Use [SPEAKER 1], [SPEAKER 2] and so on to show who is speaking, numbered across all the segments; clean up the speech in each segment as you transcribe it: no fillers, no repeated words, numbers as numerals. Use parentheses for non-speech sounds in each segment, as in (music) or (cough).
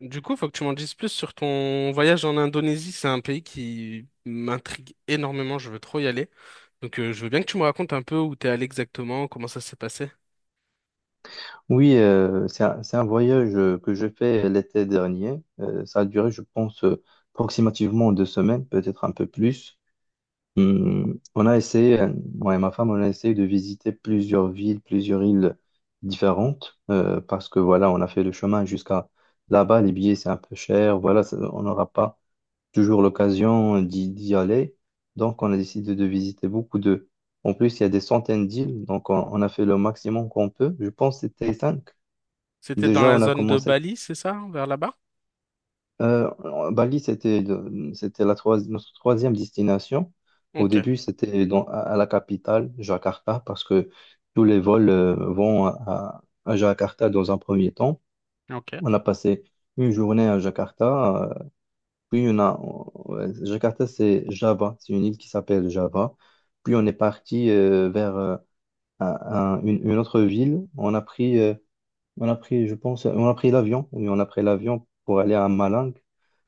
[SPEAKER 1] Du coup, faut que tu m'en dises plus sur ton voyage en Indonésie. C'est un pays qui m'intrigue énormément. Je veux trop y aller. Donc, je veux bien que tu me racontes un peu où t'es allé exactement, comment ça s'est passé.
[SPEAKER 2] Oui, c'est un voyage que je fais l'été dernier. Ça a duré, je pense, approximativement 2 semaines, peut-être un peu plus. On a essayé, moi et ma femme, on a essayé de visiter plusieurs villes, plusieurs îles différentes, parce que voilà, on a fait le chemin jusqu'à là-bas. Les billets, c'est un peu cher. Voilà, on n'aura pas toujours l'occasion d'y aller. Donc, on a décidé de visiter beaucoup de... En plus, il y a des centaines d'îles, donc on a fait le maximum qu'on peut. Je pense que c'était cinq.
[SPEAKER 1] C'était dans
[SPEAKER 2] Déjà,
[SPEAKER 1] la
[SPEAKER 2] on a
[SPEAKER 1] zone de
[SPEAKER 2] commencé.
[SPEAKER 1] Bali, c'est ça, vers là-bas?
[SPEAKER 2] euh, Bali, c'était c'était notre troisième destination. Au
[SPEAKER 1] Ok,
[SPEAKER 2] début, c'était à la capitale, Jakarta, parce que tous les vols vont à Jakarta dans un premier temps.
[SPEAKER 1] ok.
[SPEAKER 2] On a passé une journée à Jakarta, puis on a Jakarta, c'est Java, c'est une île qui s'appelle Java. Puis on est parti vers un- une autre ville. Je pense, on a pris l'avion. Oui, on a pris l'avion pour aller à Malang.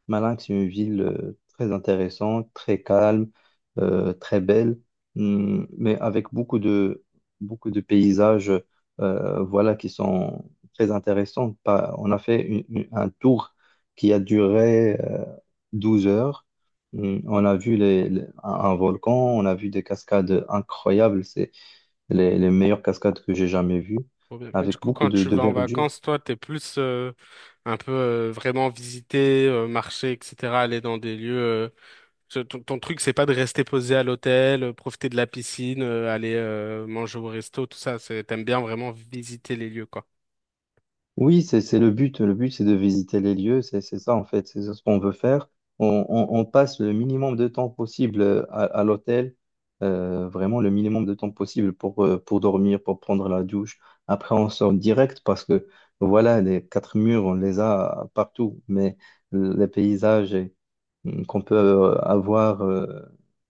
[SPEAKER 2] Malang, c'est une ville très intéressante, très calme, très belle, mais avec beaucoup de paysages voilà, qui sont très intéressants. On a fait un tour qui a duré 12 heures. On a vu un volcan, on a vu des cascades incroyables. C'est les meilleures cascades que j'ai jamais vues,
[SPEAKER 1] Trop bien. Et du
[SPEAKER 2] avec
[SPEAKER 1] coup,
[SPEAKER 2] beaucoup
[SPEAKER 1] quand
[SPEAKER 2] de,
[SPEAKER 1] tu
[SPEAKER 2] de
[SPEAKER 1] vas en
[SPEAKER 2] verdure.
[SPEAKER 1] vacances, toi, t'es plus un peu vraiment visiter, marcher, etc., aller dans des lieux. Ton truc, c'est pas de rester posé à l'hôtel, profiter de la piscine, aller manger au resto, tout ça. C'est, t'aimes bien vraiment visiter les lieux, quoi.
[SPEAKER 2] Oui, c'est le but. Le but, c'est de visiter les lieux. C'est ça, en fait. C'est ce qu'on veut faire. On passe le minimum de temps possible à l'hôtel. Vraiment le minimum de temps possible pour dormir, pour prendre la douche. Après, on sort direct parce que, voilà, les quatre murs, on les a partout. Mais les paysages, qu'on peut avoir,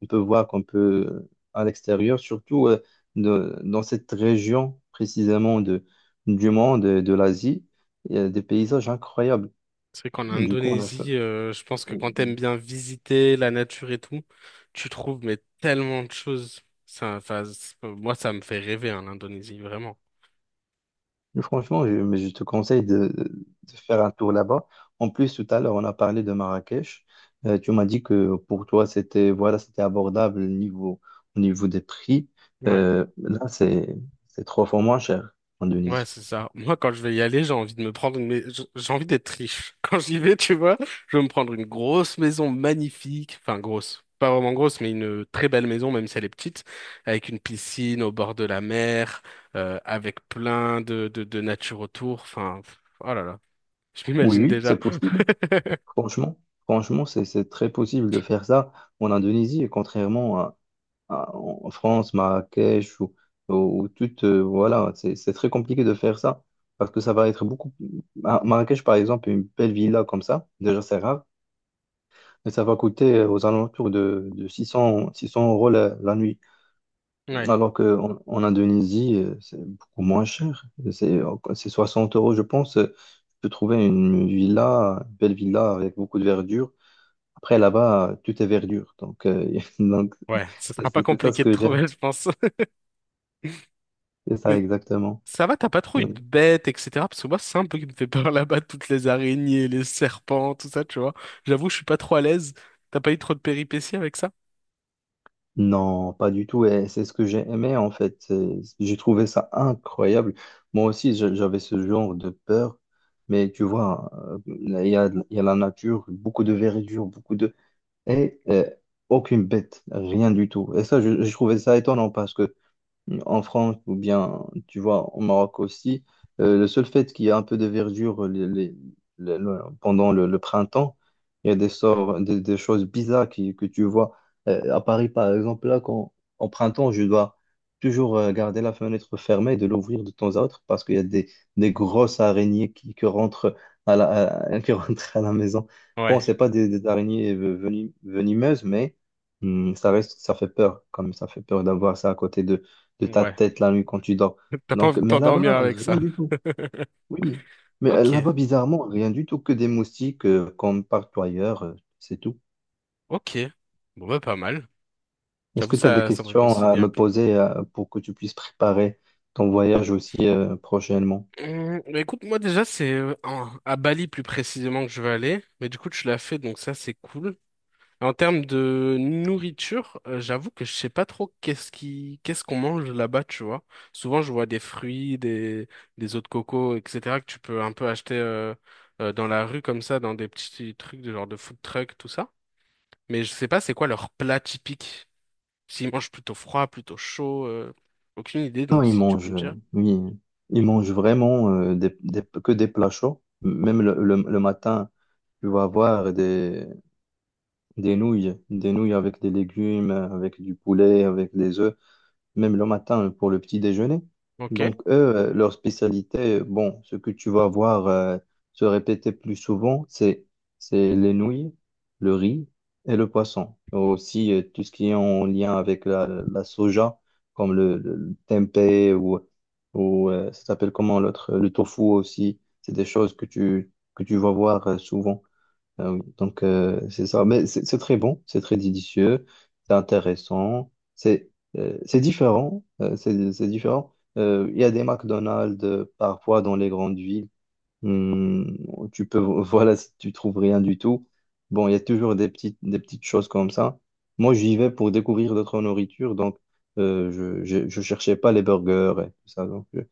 [SPEAKER 2] on peut voir qu'on peut à l'extérieur, surtout dans cette région précisément du monde, de l'Asie, il y a des paysages incroyables.
[SPEAKER 1] C'est vrai qu'en
[SPEAKER 2] Du coup, on a fait-
[SPEAKER 1] Indonésie, je pense que
[SPEAKER 2] euh,
[SPEAKER 1] quand t'aimes bien visiter la nature et tout, tu trouves mais tellement de choses. Ça, enfin, moi, ça me fait rêver, en Indonésie, vraiment.
[SPEAKER 2] Franchement, mais je te conseille de faire un tour là-bas. En plus, tout à l'heure, on a parlé de Marrakech. Tu m'as dit que pour toi, c'était voilà, c'était abordable au niveau des prix.
[SPEAKER 1] Ouais,
[SPEAKER 2] Là, c'est 3 fois moins cher en
[SPEAKER 1] ouais,
[SPEAKER 2] Indonésie.
[SPEAKER 1] c'est ça. Moi, quand je vais y aller, j'ai envie de me prendre. J'ai envie d'être riche. (laughs) Quand j'y vais, tu vois, je veux me prendre une grosse maison magnifique. Enfin, grosse. Pas vraiment grosse, mais une très belle maison, même si elle est petite, avec une piscine au bord de la mer, avec plein de nature autour. Enfin, pff, oh là là, je
[SPEAKER 2] Oui,
[SPEAKER 1] m'imagine
[SPEAKER 2] oui, c'est
[SPEAKER 1] déjà.
[SPEAKER 2] possible.
[SPEAKER 1] (laughs)
[SPEAKER 2] Franchement, franchement, c'est très possible de faire ça en Indonésie, et contrairement en France, Marrakech ou toute, voilà, c'est très compliqué de faire ça parce que ça va être beaucoup. Marrakech, par exemple, une belle villa comme ça, déjà c'est rare, mais ça va coûter aux alentours de 600 euros la nuit.
[SPEAKER 1] Ouais,
[SPEAKER 2] Alors qu'en Indonésie, c'est beaucoup moins cher. C'est c'est 60 euros, je pense. Tu peux trouver une villa, une belle villa avec beaucoup de verdure. Après, là-bas, tout est verdure. (laughs) Donc
[SPEAKER 1] ouais, ce
[SPEAKER 2] c'est
[SPEAKER 1] sera pas
[SPEAKER 2] c'est ça ce
[SPEAKER 1] compliqué de
[SPEAKER 2] que j'aime.
[SPEAKER 1] trouver, je pense.
[SPEAKER 2] C'est ça
[SPEAKER 1] (laughs)
[SPEAKER 2] exactement.
[SPEAKER 1] Ça va, t'as pas trop eu de
[SPEAKER 2] Oui.
[SPEAKER 1] bêtes, etc. Parce que moi, c'est un peu qui me fait peur (laughs) là-bas, toutes les araignées, les serpents, tout ça, tu vois. J'avoue, je suis pas trop à l'aise. T'as pas eu trop de péripéties avec ça?
[SPEAKER 2] Non, pas du tout. Et c'est ce que j'ai aimé, en fait. J'ai trouvé ça incroyable. Moi aussi, j'avais ce genre de peur. Mais tu vois, il y a la nature, beaucoup de verdure, beaucoup de... Et aucune bête, rien du tout. Et ça, je trouvais ça étonnant parce que en France ou bien, tu vois, au Maroc aussi, le seul fait qu'il y a un peu de verdure pendant le printemps, il y a des choses bizarres que tu vois. À Paris, par exemple, là, en printemps, je dois toujours garder la fenêtre fermée et de l'ouvrir de temps à autre parce qu'il y a des grosses araignées qui rentrent (laughs) qui rentrent à la maison.
[SPEAKER 1] Ouais,
[SPEAKER 2] Bon, c'est pas des araignées venimeuses, mais ça reste, ça fait peur, comme ça fait peur d'avoir ça à côté de ta
[SPEAKER 1] ouais.
[SPEAKER 2] tête la nuit quand tu dors.
[SPEAKER 1] (laughs) T'as pas envie
[SPEAKER 2] Donc,
[SPEAKER 1] de
[SPEAKER 2] mais
[SPEAKER 1] t'endormir
[SPEAKER 2] là-bas,
[SPEAKER 1] avec
[SPEAKER 2] rien
[SPEAKER 1] ça.
[SPEAKER 2] du tout.
[SPEAKER 1] (laughs)
[SPEAKER 2] Oui. Mais
[SPEAKER 1] Ok,
[SPEAKER 2] là-bas, bizarrement, rien du tout que des moustiques comme partout ailleurs, c'est tout.
[SPEAKER 1] ok. Bon, bah, pas mal.
[SPEAKER 2] Est-ce
[SPEAKER 1] J'avoue,
[SPEAKER 2] que tu as des
[SPEAKER 1] ça me
[SPEAKER 2] questions à
[SPEAKER 1] réconcilie un
[SPEAKER 2] me
[SPEAKER 1] peu.
[SPEAKER 2] poser pour que tu puisses préparer ton voyage aussi prochainement?
[SPEAKER 1] Bah, écoute, moi, déjà, c'est à Bali plus précisément que je vais aller. Mais du coup, tu l'as fait, donc ça, c'est cool. En termes de nourriture, j'avoue que je sais pas trop qu'est-ce qu'on mange là-bas, tu vois. Souvent, je vois des fruits, des eaux de coco, etc., que tu peux un peu acheter dans la rue comme ça, dans des petits trucs de genre de food truck, tout ça. Mais je sais pas c'est quoi leur plat typique. S'ils mangent plutôt froid, plutôt chaud, aucune idée.
[SPEAKER 2] Non,
[SPEAKER 1] Donc
[SPEAKER 2] ils
[SPEAKER 1] si tu peux
[SPEAKER 2] mangent,
[SPEAKER 1] me dire.
[SPEAKER 2] oui, ils mangent vraiment que des plats chauds. Même le matin, tu vas avoir des nouilles avec des légumes, avec du poulet, avec des œufs. Même le matin, pour le petit déjeuner.
[SPEAKER 1] Ok.
[SPEAKER 2] Donc, eux, leur spécialité, bon, ce que tu vas voir se répéter plus souvent, c'est les nouilles, le riz et le poisson. Aussi, tout ce qui est en lien avec la soja, comme le tempeh ou ça s'appelle comment l'autre, le tofu aussi, c'est des choses que tu vas voir souvent. Donc, c'est ça. Mais c'est très bon, c'est très délicieux, c'est intéressant, c'est différent. C'est différent. Il y a des McDonald's parfois dans les grandes villes. Où tu peux, (laughs) voilà, si tu trouves rien du tout. Bon, il y a toujours des petites choses comme ça. Moi, j'y vais pour découvrir d'autres nourritures, donc euh, je cherchais pas les burgers et tout ça. Donc,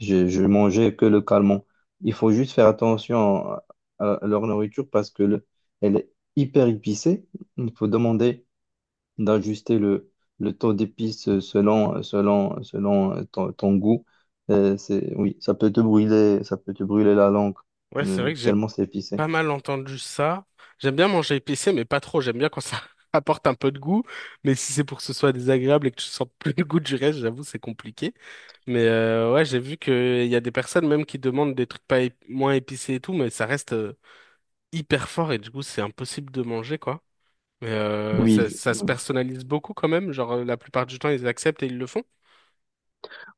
[SPEAKER 2] je mangeais que le calmant. Il faut juste faire attention à leur nourriture parce que elle est hyper épicée. Il faut demander d'ajuster le taux d'épices selon ton goût. Oui, ça peut te brûler, ça peut te brûler la langue,
[SPEAKER 1] Ouais, c'est vrai que j'ai
[SPEAKER 2] tellement c'est épicé.
[SPEAKER 1] pas mal entendu ça. J'aime bien manger épicé, mais pas trop. J'aime bien quand ça (laughs) apporte un peu de goût. Mais si c'est pour que ce soit désagréable et que tu sentes (laughs) plus le goût du reste, j'avoue, c'est compliqué. Mais ouais, j'ai vu qu'il y a des personnes même qui demandent des trucs pas ép- moins épicés et tout, mais ça reste hyper fort et du coup, c'est impossible de manger, quoi. Mais ça,
[SPEAKER 2] Oui,
[SPEAKER 1] ça se personnalise beaucoup quand même. Genre, la plupart du temps, ils acceptent et ils le font.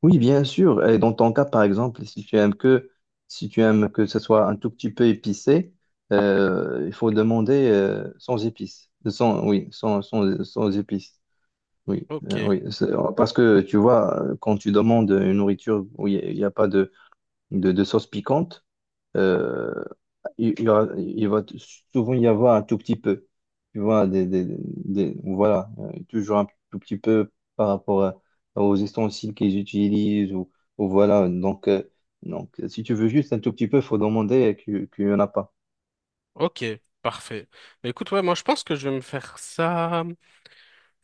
[SPEAKER 2] oui, bien sûr. Et dans ton cas, par exemple, si tu aimes que ce soit un tout petit peu épicé, il faut demander sans épices. Sans, Oui, sans épices. Oui,
[SPEAKER 1] Ok,
[SPEAKER 2] oui. Parce que tu vois, quand tu demandes une nourriture où il y a pas de sauce piquante, euh, il y aura- il va t- souvent y avoir un tout petit peu. Tu vois, voilà, toujours un tout petit peu par rapport aux ustensiles qu'ils utilisent ou voilà. Donc, si tu veux juste un tout petit peu, il faut demander qu'il n'y en a pas.
[SPEAKER 1] ok, parfait. Mais écoute, ouais, moi, je pense que je vais me faire ça.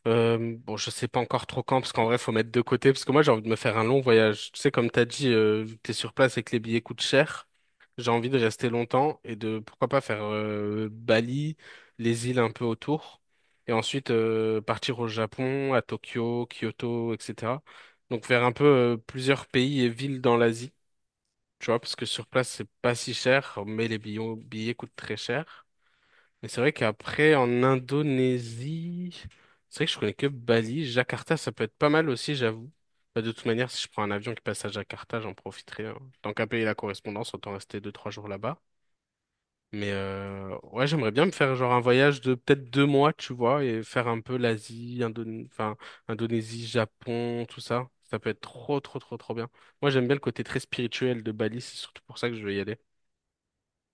[SPEAKER 1] Bon, je sais pas encore trop quand, parce qu'en vrai, faut mettre de côté, parce que moi, j'ai envie de me faire un long voyage. Tu sais, comme t'as dit, vu que t'es sur place et que les billets coûtent cher, j'ai envie de rester longtemps et de, pourquoi pas, faire Bali, les îles un peu autour, et ensuite partir au Japon, à Tokyo, Kyoto, etc. Donc faire un peu plusieurs pays et villes dans l'Asie, tu vois, parce que sur place, c'est pas si cher, mais les billets coûtent très cher. Mais c'est vrai qu'après, en Indonésie, c'est vrai que je connais que Bali. Jakarta, ça peut être pas mal aussi, j'avoue. Bah, de toute manière, si je prends un avion qui passe à Jakarta, j'en profiterai, hein. Tant qu'à payer la correspondance, autant rester deux, trois jours là-bas. Mais ouais, j'aimerais bien me faire genre un voyage de peut-être 2 mois, tu vois, et faire un peu l'Asie, enfin, Indonésie, Japon, tout ça. Ça peut être trop, trop, trop, trop bien. Moi, j'aime bien le côté très spirituel de Bali, c'est surtout pour ça que je veux y aller.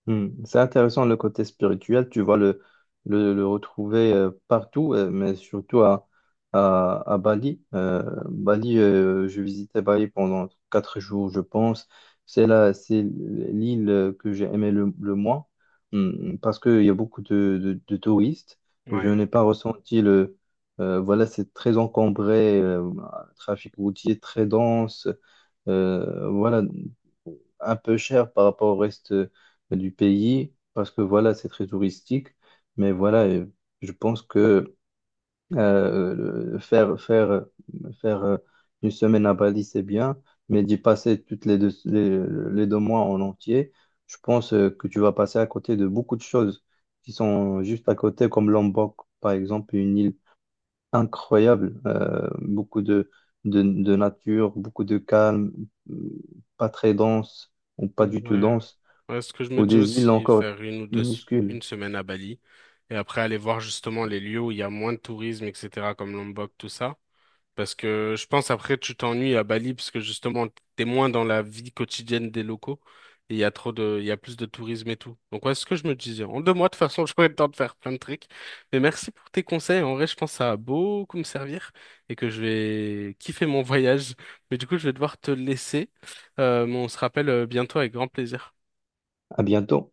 [SPEAKER 2] C'est intéressant le côté spirituel, tu vois le retrouver partout, mais surtout à Bali. Bali, je visitais Bali pendant 4 jours, je pense. C'est là, c'est l'île que j'ai aimé le moins, parce qu'il y a beaucoup de touristes. Je
[SPEAKER 1] Ouais.
[SPEAKER 2] n'ai pas ressenti le... Voilà, c'est très encombré, trafic routier très dense. Voilà, un peu cher par rapport au reste bah, du pays, parce que voilà, c'est très touristique. Mais voilà, je pense que euh, le- faire, faire, faire une semaine à Bali, c'est bien, mais d'y passer les 2 mois en entier, je pense que tu vas passer à côté de beaucoup de choses qui sont juste à côté, comme Lombok, par exemple, une île incroyable. Beaucoup de nature, beaucoup de calme, euh, pas très dense ou pas du tout
[SPEAKER 1] Ouais.
[SPEAKER 2] dense,
[SPEAKER 1] Ouais, ce que je me
[SPEAKER 2] ou
[SPEAKER 1] dis
[SPEAKER 2] des îles
[SPEAKER 1] aussi,
[SPEAKER 2] encore
[SPEAKER 1] faire une ou deux, s-
[SPEAKER 2] minuscules.
[SPEAKER 1] une semaine à Bali et après aller voir justement les lieux où il y a moins de tourisme, etc., comme Lombok, tout ça. Parce que je pense après tu t'ennuies à Bali parce que justement t'es moins dans la vie quotidienne des locaux et il y a plus de tourisme et tout. Donc ouais, c'est ce que je me disais. En 2 mois, de toute façon, (laughs) j'aurai le temps de faire plein de trucs. Mais merci pour tes conseils. En vrai, je pense que ça va beaucoup me servir et que je vais kiffer mon (laughs) voyage. Mais du coup, je vais devoir te laisser. Mais on se rappelle bientôt avec grand plaisir.
[SPEAKER 2] À bientôt.